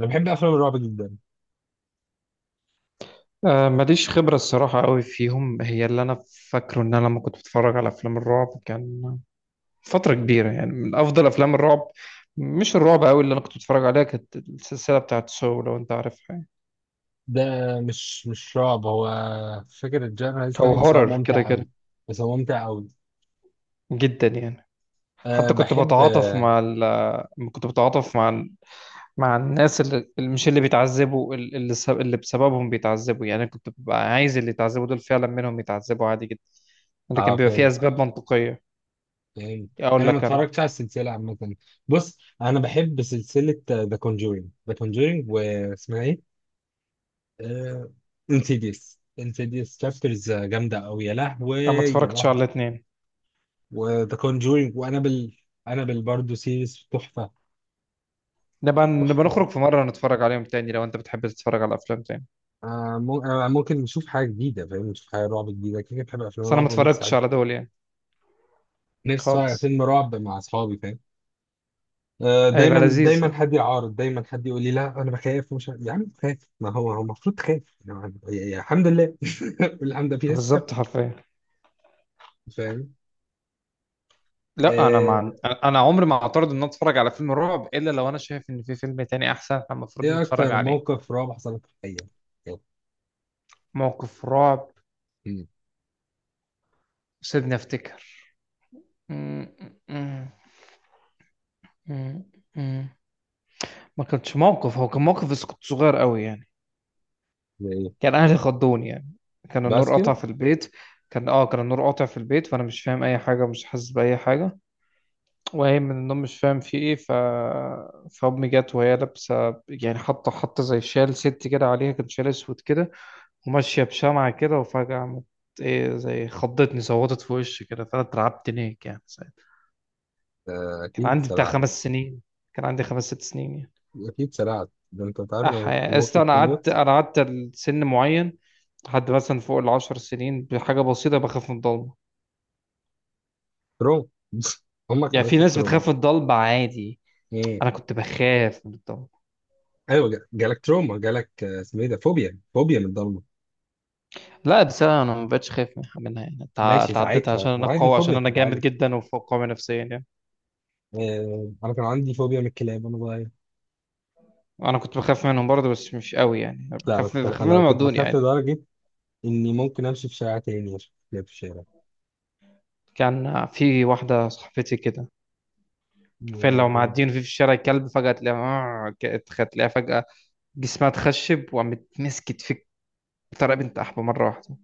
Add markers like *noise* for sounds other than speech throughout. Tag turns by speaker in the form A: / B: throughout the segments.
A: انا بحب افلام الرعب جدا.
B: آه، ماليش خبرة الصراحة قوي فيهم. هي اللي أنا فاكره إن أنا لما كنت بتفرج على أفلام الرعب كان فترة كبيرة، يعني من أفضل أفلام الرعب، مش الرعب قوي اللي أنا كنت بتفرج عليها، كانت السلسلة بتاعت سو، لو أنت عارفها يعني،
A: ده مش رعب هو. مش فاكر الجانر اسمها
B: أو
A: ايه بس هو
B: هورر كده
A: ممتع قوي.
B: كده،
A: بس هو ممتع قوي.
B: جدا يعني.
A: أه
B: حتى
A: بحب اه.
B: كنت بتعاطف مع الناس اللي مش اللي بيتعذبوا، اللي بسببهم بيتعذبوا يعني. أنا كنت ببقى عايز اللي يتعذبوا دول فعلا منهم يتعذبوا عادي جدا، اللي كان بيبقى فيه
A: فيلم
B: أسباب منطقية.
A: فيلم.
B: أقول
A: انا ما
B: لك أنا،
A: اتفرجتش على السلسله عامه. بص انا بحب سلسله ذا كونجورينج، ذا كونجورينج واسمها ايه، انسيديوس، انسيديوس تشابترز جامده قوي، يا لهوي
B: انا ما
A: يا
B: اتفرجتش
A: لهوي.
B: على الاثنين.
A: وذا كونجورينج وانابل. انابل برضه سيريز تحفه.
B: نبقى
A: تحفه.
B: نخرج في مره نتفرج عليهم تاني، لو انت بتحب تتفرج على افلام تاني.
A: ممكن نشوف حاجة جديدة، فاهم، نشوف حاجة رعب جديدة، كده كده بحب أفلام
B: بس انا ما
A: الرعب، ونفسي
B: اتفرجتش على دول يعني،
A: نفسي أتفرج على
B: خالص.
A: فيلم رعب مع أصحابي، فاهم. آه
B: هيبقى
A: دايما
B: لذيذ
A: دايما
B: ده.
A: حد يعارض، دايما حد يقول لي لا أنا بخاف مش عارف. يا عم خاف، ما هو هو المفروض تخاف يعني، الحمد لله *laughs* الحمد لله في ناس
B: بالظبط
A: تخاف.
B: حرفيا.
A: فاهم.
B: لا، انا مع
A: آه،
B: انا أنا عمري ما اعترض ان أنا اتفرج على فيلم رعب، الا لو انا شايف ان في فيلم تاني احسن احنا المفروض
A: إيه
B: نتفرج
A: أكتر
B: عليه.
A: موقف رعب حصل لك في الحقيقة؟ يلا.
B: موقف رعب؟
A: مم.
B: سيبني افتكر. م- م- م- م- م. ما كانش موقف، هو كان موقف بس كنت صغير قوي يعني.
A: زي إيه؟
B: كان اهلي خضوني يعني. كان
A: بس
B: النور
A: كده.
B: قطع في البيت. كان كان النور قاطع في البيت، فانا مش فاهم اي حاجه، مش حاسس باي حاجه وهي من النوم، مش فاهم في ايه. ف فامي جت وهي لابسه يعني، حاطه حاطه زي شال ست كده عليها، كان شال اسود كده، وماشيه بشمعه كده، وفجاه عملت ايه زي خضتني، صوتت في وشي كده، فانا اترعبت هناك يعني ساعتها.
A: آه
B: كان
A: أكيد
B: عندي بتاع
A: سرعت.
B: خمس سنين، كان عندي خمس ست سنين يعني.
A: أكيد سرعت ده، أنت عارف لما
B: أصل
A: ممكن
B: أنا قعدت،
A: تموت.
B: أنا قعدت لسن معين، لحد مثلا فوق العشر سنين بحاجة بسيطة بخاف من الضلمة.
A: تروما *laughs* أمك
B: يعني في
A: عملت لك
B: ناس
A: تروما.
B: بتخاف من الضلمة عادي، أنا كنت بخاف من الضلمة.
A: ايوه، جالك تروما، جالك آه، اسمه ايه ده، فوبيا، فوبيا من الضلمه.
B: لا بس أنا، أنا ما بقتش خايف منها يعني، تع-
A: ماشي
B: تعديتها
A: ساعتها،
B: عشان أنا
A: عادي
B: قوي،
A: الفوبيا
B: عشان أنا جامد
A: بتتعالج.
B: جدا وفوق قوي نفسيا يعني.
A: آه، انا كان عندي فوبيا من الكلاب وانا صغير.
B: أنا كنت بخاف منهم برضه، بس مش قوي يعني،
A: لا انا
B: بخاف
A: كنت،
B: بخاف
A: انا
B: منهم،
A: كنت
B: عدوني
A: بخاف
B: عادي.
A: لدرجه اني ممكن امشي في شارع تاني عشان كلاب في الشارع.
B: كان في واحدة صاحبتي كده، فين
A: يعني
B: لو
A: بجد.
B: معديين في الشارع كلب فجأة تلاقيها، آه، ك- تلاقيها فجأة جسمها اتخشب، وقامت مسكت في الطريقه بنت احبه مره واحده.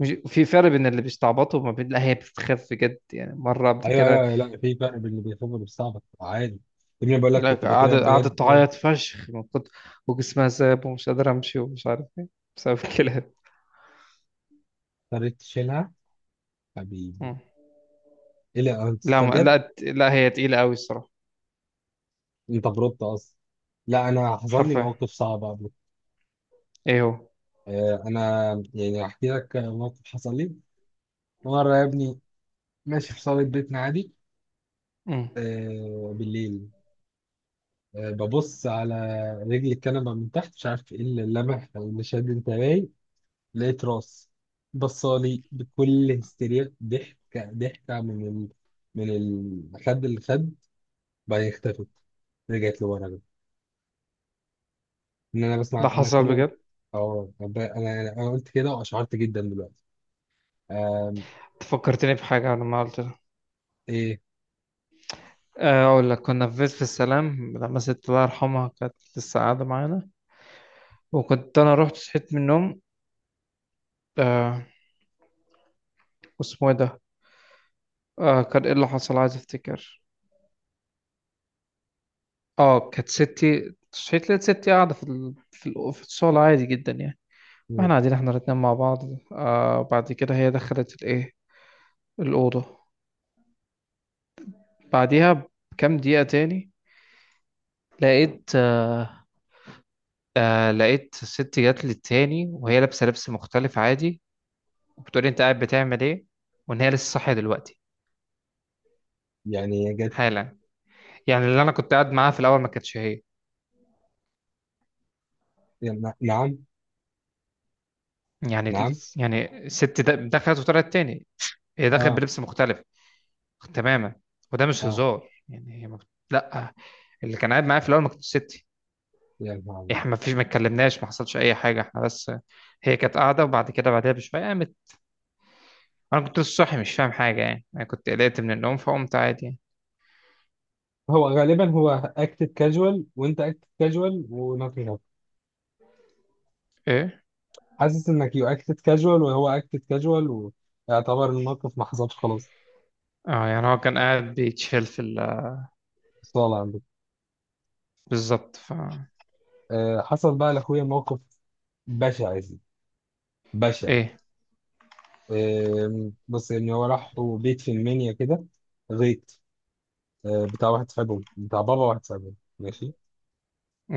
B: مش في فرق بين اللي بيستعبطوا وما بين، لا، هي بتتخف بجد يعني، مره قبل
A: ايوه ايوه
B: كده
A: أيوة، لا في فرق بين اللي بيخاف واللي بيستعبط، عادي. ابني بقول لك
B: لا،
A: كنت بترعب
B: قعدت
A: بجد
B: قعدت
A: بجد.
B: تعيط فشخ من كتر، وجسمها ساب ومش قادره امشي ومش عارف ايه، بسبب *laughs* الكلاب.
A: اضطريت تشيلها، حبيبي.
B: مم.
A: ايه، لا انت،
B: لا،
A: أنت
B: ما
A: بجد.
B: لا لا هي تقيله قوي الصراحه،
A: انت بربط اصلا. لا انا حصل لي
B: حرفيا.
A: مواقف صعبه قبل.
B: ايه هو؟
A: آه، انا يعني احكي لك موقف حصل لي مرة يا ابني. ماشي في صالة بيتنا عادي،
B: مم.
A: آه بالليل. آه ببص على رجل الكنبة من تحت، مش عارف ايه اللي لمح او اللي شد انتباهي. لقيت راس بصالي بكل هستيريا، ضحكة من من الخد اللي خد. بعدين اختفت. رجعت لورا بقى. ان انا
B: ده
A: بسمع، انا
B: حصل
A: كل ما-
B: بجد؟
A: اه طب انا قلت كده واشعرت جدا دلوقتي. آم.
B: فكرتني بحاجه لما قلت لها.
A: ايه.
B: آه، اقول لك، كنا في بيت في السلام لما ست الله يرحمها كانت لسه قاعده معانا، وكنت انا رحت صحيت من النوم. آه، واسمه ايه ده؟ آه، كان ايه اللي حصل، عايز افتكر. اه كانت ستي صحيت، لقيت ستي قاعدة في الشغل عادي جدا يعني، واحنا قاعدين احنا الاتنين مع بعض. آه بعد كده هي دخلت الأوضة، بعديها بكام دقيقة تاني، لقيت آه آه لقيت ستي جات لي تاني وهي لابسة لبس مختلف عادي، وبتقولي انت قاعد بتعمل ايه، وان هي لسه صاحية دلوقتي
A: يعني جت.
B: حالا. يعني اللي انا كنت قاعد معاها في الأول ما كانتش هي
A: يعني نعم.
B: يعني،
A: نعم.
B: يعني الست دخلت وطلعت تاني. هي دخلت
A: اه.
B: بلبس مختلف تماما. وده مش
A: اه
B: هزار يعني، هي ما بت... لا اللي كان قاعد معايا في الاول ما كانتش ستي.
A: يعني نعم.
B: احنا ما فيش، ما اتكلمناش، ما حصلش اي حاجه، احنا بس هي كانت قاعده، وبعد كده بعدها بشويه قامت. انا كنت لسه صاحي، مش فاهم حاجه يعني، انا كنت قلقت من النوم فقمت عادي يعني.
A: هو غالبا هو اكتد كاجوال، وانت اكتد كاجوال ونوتنجهام.
B: ايه.
A: حاسس انك يو اكتد كاجوال وهو اكتد كاجوال. ويعتبر الموقف ما حصلش، خلاص.
B: اه يعني هو كان قاعد بيتشيل في ال...
A: صالة عندك.
B: بالظبط
A: أه حصل بقى لاخويا موقف بشع يا سيدي، بشع.
B: ايه.
A: أه بص، يعني هو راح بيت في المنيا كده، غيط. أه بتاع واحد صاحبهم، بتاع بابا واحد صاحبهم، ماشي.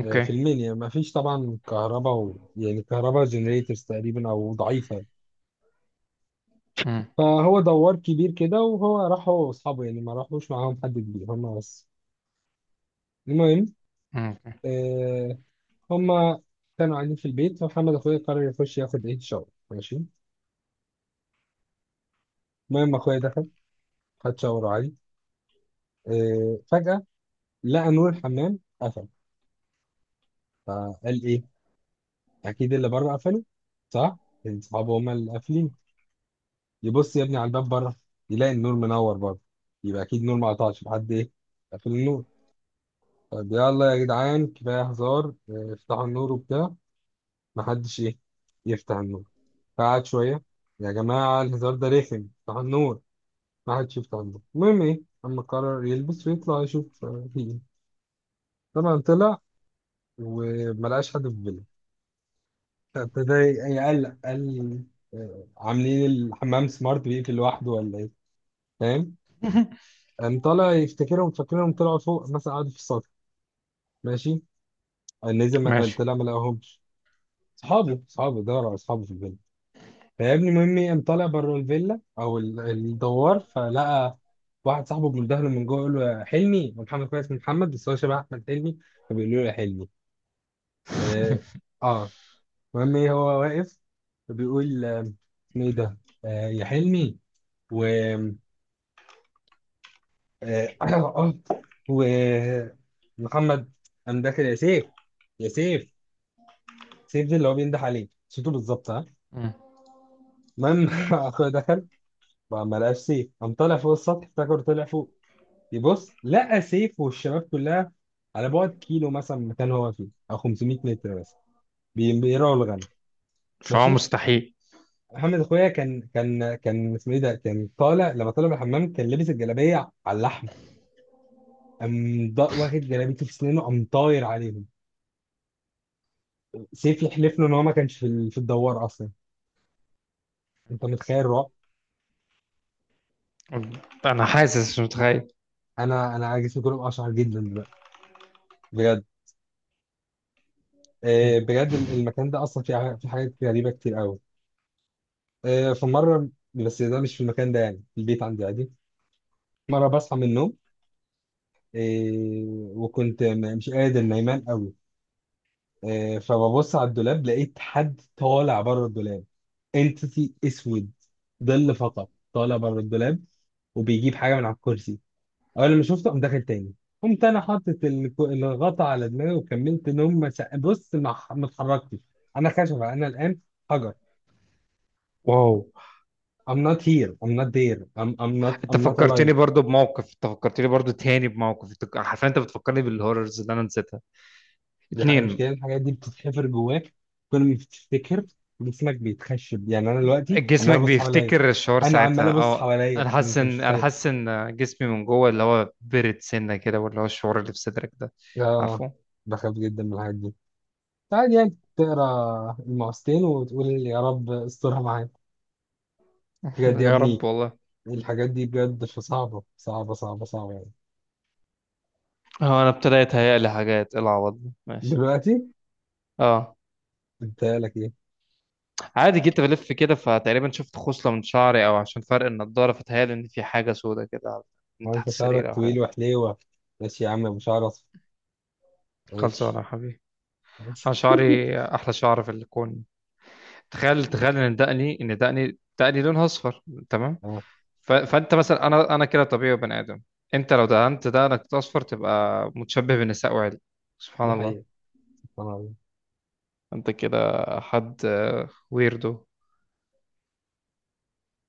A: أه في المنيا ما فيش طبعا كهرباء يعني كهرباء جنريتورز تقريبا او ضعيفة.
B: امم.
A: فهو دوار كبير كده، وهو راح هو واصحابه، يعني ما راحوش معاهم حد كبير، هما بس. المهم،
B: اوكي.
A: آه، هما كانوا قاعدين في البيت، فمحمد اخويا قرر يخش ياخد ايه شاور، ماشي. المهم اخويا دخل، خد شاور عادي. آه فجأة لقى نور الحمام قفل. فقال ايه، اكيد اللي بره قفله، صح، إن صحابه هما اللي قافلين. يبص يا ابني على الباب بره، يلاقي النور منور بره، يبقى اكيد النور ما قطعش، في حد ايه قفل النور. طب يلا يا جدعان، كفايه هزار، آه، افتحوا النور وبتاع. محدش ايه يفتح النور. قعد شوية. يا جماعة الهزار ده رخم، افتح النور. محدش يفتح النور. المهم ايه، أما قرر يلبس ويطلع يشوف آه، في ايه. طبعا طلع وملقاش حد في الفيلا. فابتدى يقلق، قال آه، عاملين الحمام سمارت بيقفل لوحده ولا ايه، فاهم. قام طالع يفتكرهم، فاكرهم طلعوا فوق مثلا، قعدوا في السطح، ماشي. قام نزل،
B: ماشي.
A: طلع ما لقاهمش. صحابه دور على اصحابه في الفيلا. فيا ابني، مهم قام طالع بره الفيلا او الدوار، فلقى واحد صاحبه بيندهله من جوه، يقول له يا حلمي. ومحمد كويس من محمد، بس هو شبه احمد حلمي، فبيقول له يا حلمي. اه
B: *laughs*
A: آه. المهم ايه، هو واقف، فبيقول آه، اسمه ايه ده، آه يا حلمي، و، آه *coughs* *clears throat* و، محمد قام داخل، يا سيف، يا سيف. سيف ده اللي هو بينده عليه صوته بالظبط، ها.
B: مم.
A: المهم *laughs* اخويا دخل، ما لقاش سيف. قام طالع فوق السطح، افتكر طلع فوق. يبص لقى سيف والشباب كلها على بعد كيلو مثلا من المكان هو فيه، او 500 متر مثلا، بي- بيرعوا الغنم،
B: فهو
A: ماشي.
B: مستحيل.
A: محمد اخويا كان، كان اسمه ايه ده، كان طالع لما طالع من الحمام كان لابس الجلابيه على اللحم، قام واخد جلابيته في سنينه قام طاير عليهم. سيف يحلف له ان هو ما كانش في في الدوار اصلا. انت متخيل الرعب؟
B: انا حاسس مش متخيل.
A: انا جسمي كله اشعر جدا دلوقتي، بجد.
B: مم.
A: آه، بجد المكان ده اصلا فيه في حاجات غريبه كتير قوي. آه، في مره، بس ده مش في المكان ده يعني، في البيت عندي عادي. مرة بصحى من النوم، إيه، وكنت مش قادر نايمان قوي. إيه فببص على الدولاب، لقيت حد طالع بره الدولاب، انتيتي اسود، ظل فقط طالع بره الدولاب وبيجيب حاجة من على الكرسي. أول ما شفته قام داخل تاني. قمت أنا حاطط الغطا على دماغي وكملت نوم. ما سق- بص، ما اتحركتش. أنا خشبة أنا الآن، حجر.
B: واو.
A: I'm not here, I'm not there, I'm not
B: انت
A: I'm not alive.
B: فكرتني برضو بموقف، انت فكرتني برضو تاني بموقف، انت حرفيا انت بتفكرني بالهوررز اللي انا نسيتها،
A: دي حقيقة،
B: اتنين.
A: المشكلة إن الحاجات دي بتتحفر جواك. كل ما بتفتكر جسمك بيتخشب، يعني أنا دلوقتي عمال
B: جسمك
A: أبص حواليا.
B: بيفتكر الشعور
A: أنا عمال
B: ساعتها،
A: أبص
B: اه. انا
A: حواليا،
B: حاسس
A: أنت مش
B: ان انا
A: متخيل.
B: حاسس ان جسمي من جوه اللي هو برد سنه كده، واللي هو الشعور اللي في صدرك ده،
A: آه
B: عارفه.
A: بخاف جدا من الحاجات دي. عادي يعني تقرا المقصتين وتقول يا رب استرها معايا.
B: *laughs*
A: بجد يا
B: يا رب
A: ابني،
B: والله.
A: الحاجات دي بجد صعبة صعبة صعبة صعبة يعني.
B: اه، انا ابتديت هيئ لي حاجات. إيه العوض ده؟ ماشي.
A: دلوقتي.
B: اه،
A: أنت لك إيه؟
B: عادي جيت بلف كده، فتقريبا شفت خصلة من شعري، او عشان فرق النضارة فتهيألي ان في حاجة سودة كده من
A: هو
B: تحت
A: أنت شعرك
B: السرير او
A: طويل
B: حاجة.
A: وحليوة. ماشي يا عم أبو شعر أصفر.
B: خلصانه
A: ماشي
B: يا حبيبي.
A: *laughs*
B: انا شعري احلى شعر في الكون. تخيل، تخيل ان دقني لونها اصفر. تمام.
A: آه،
B: فانت مثلا، انا كده طبيعي بني ادم. انت لو دهنت دقنك اصفر تبقى متشبه بالنساء، وعادي.
A: دي
B: سبحان الله.
A: حقيقة.
B: انت كده حد، ويردو.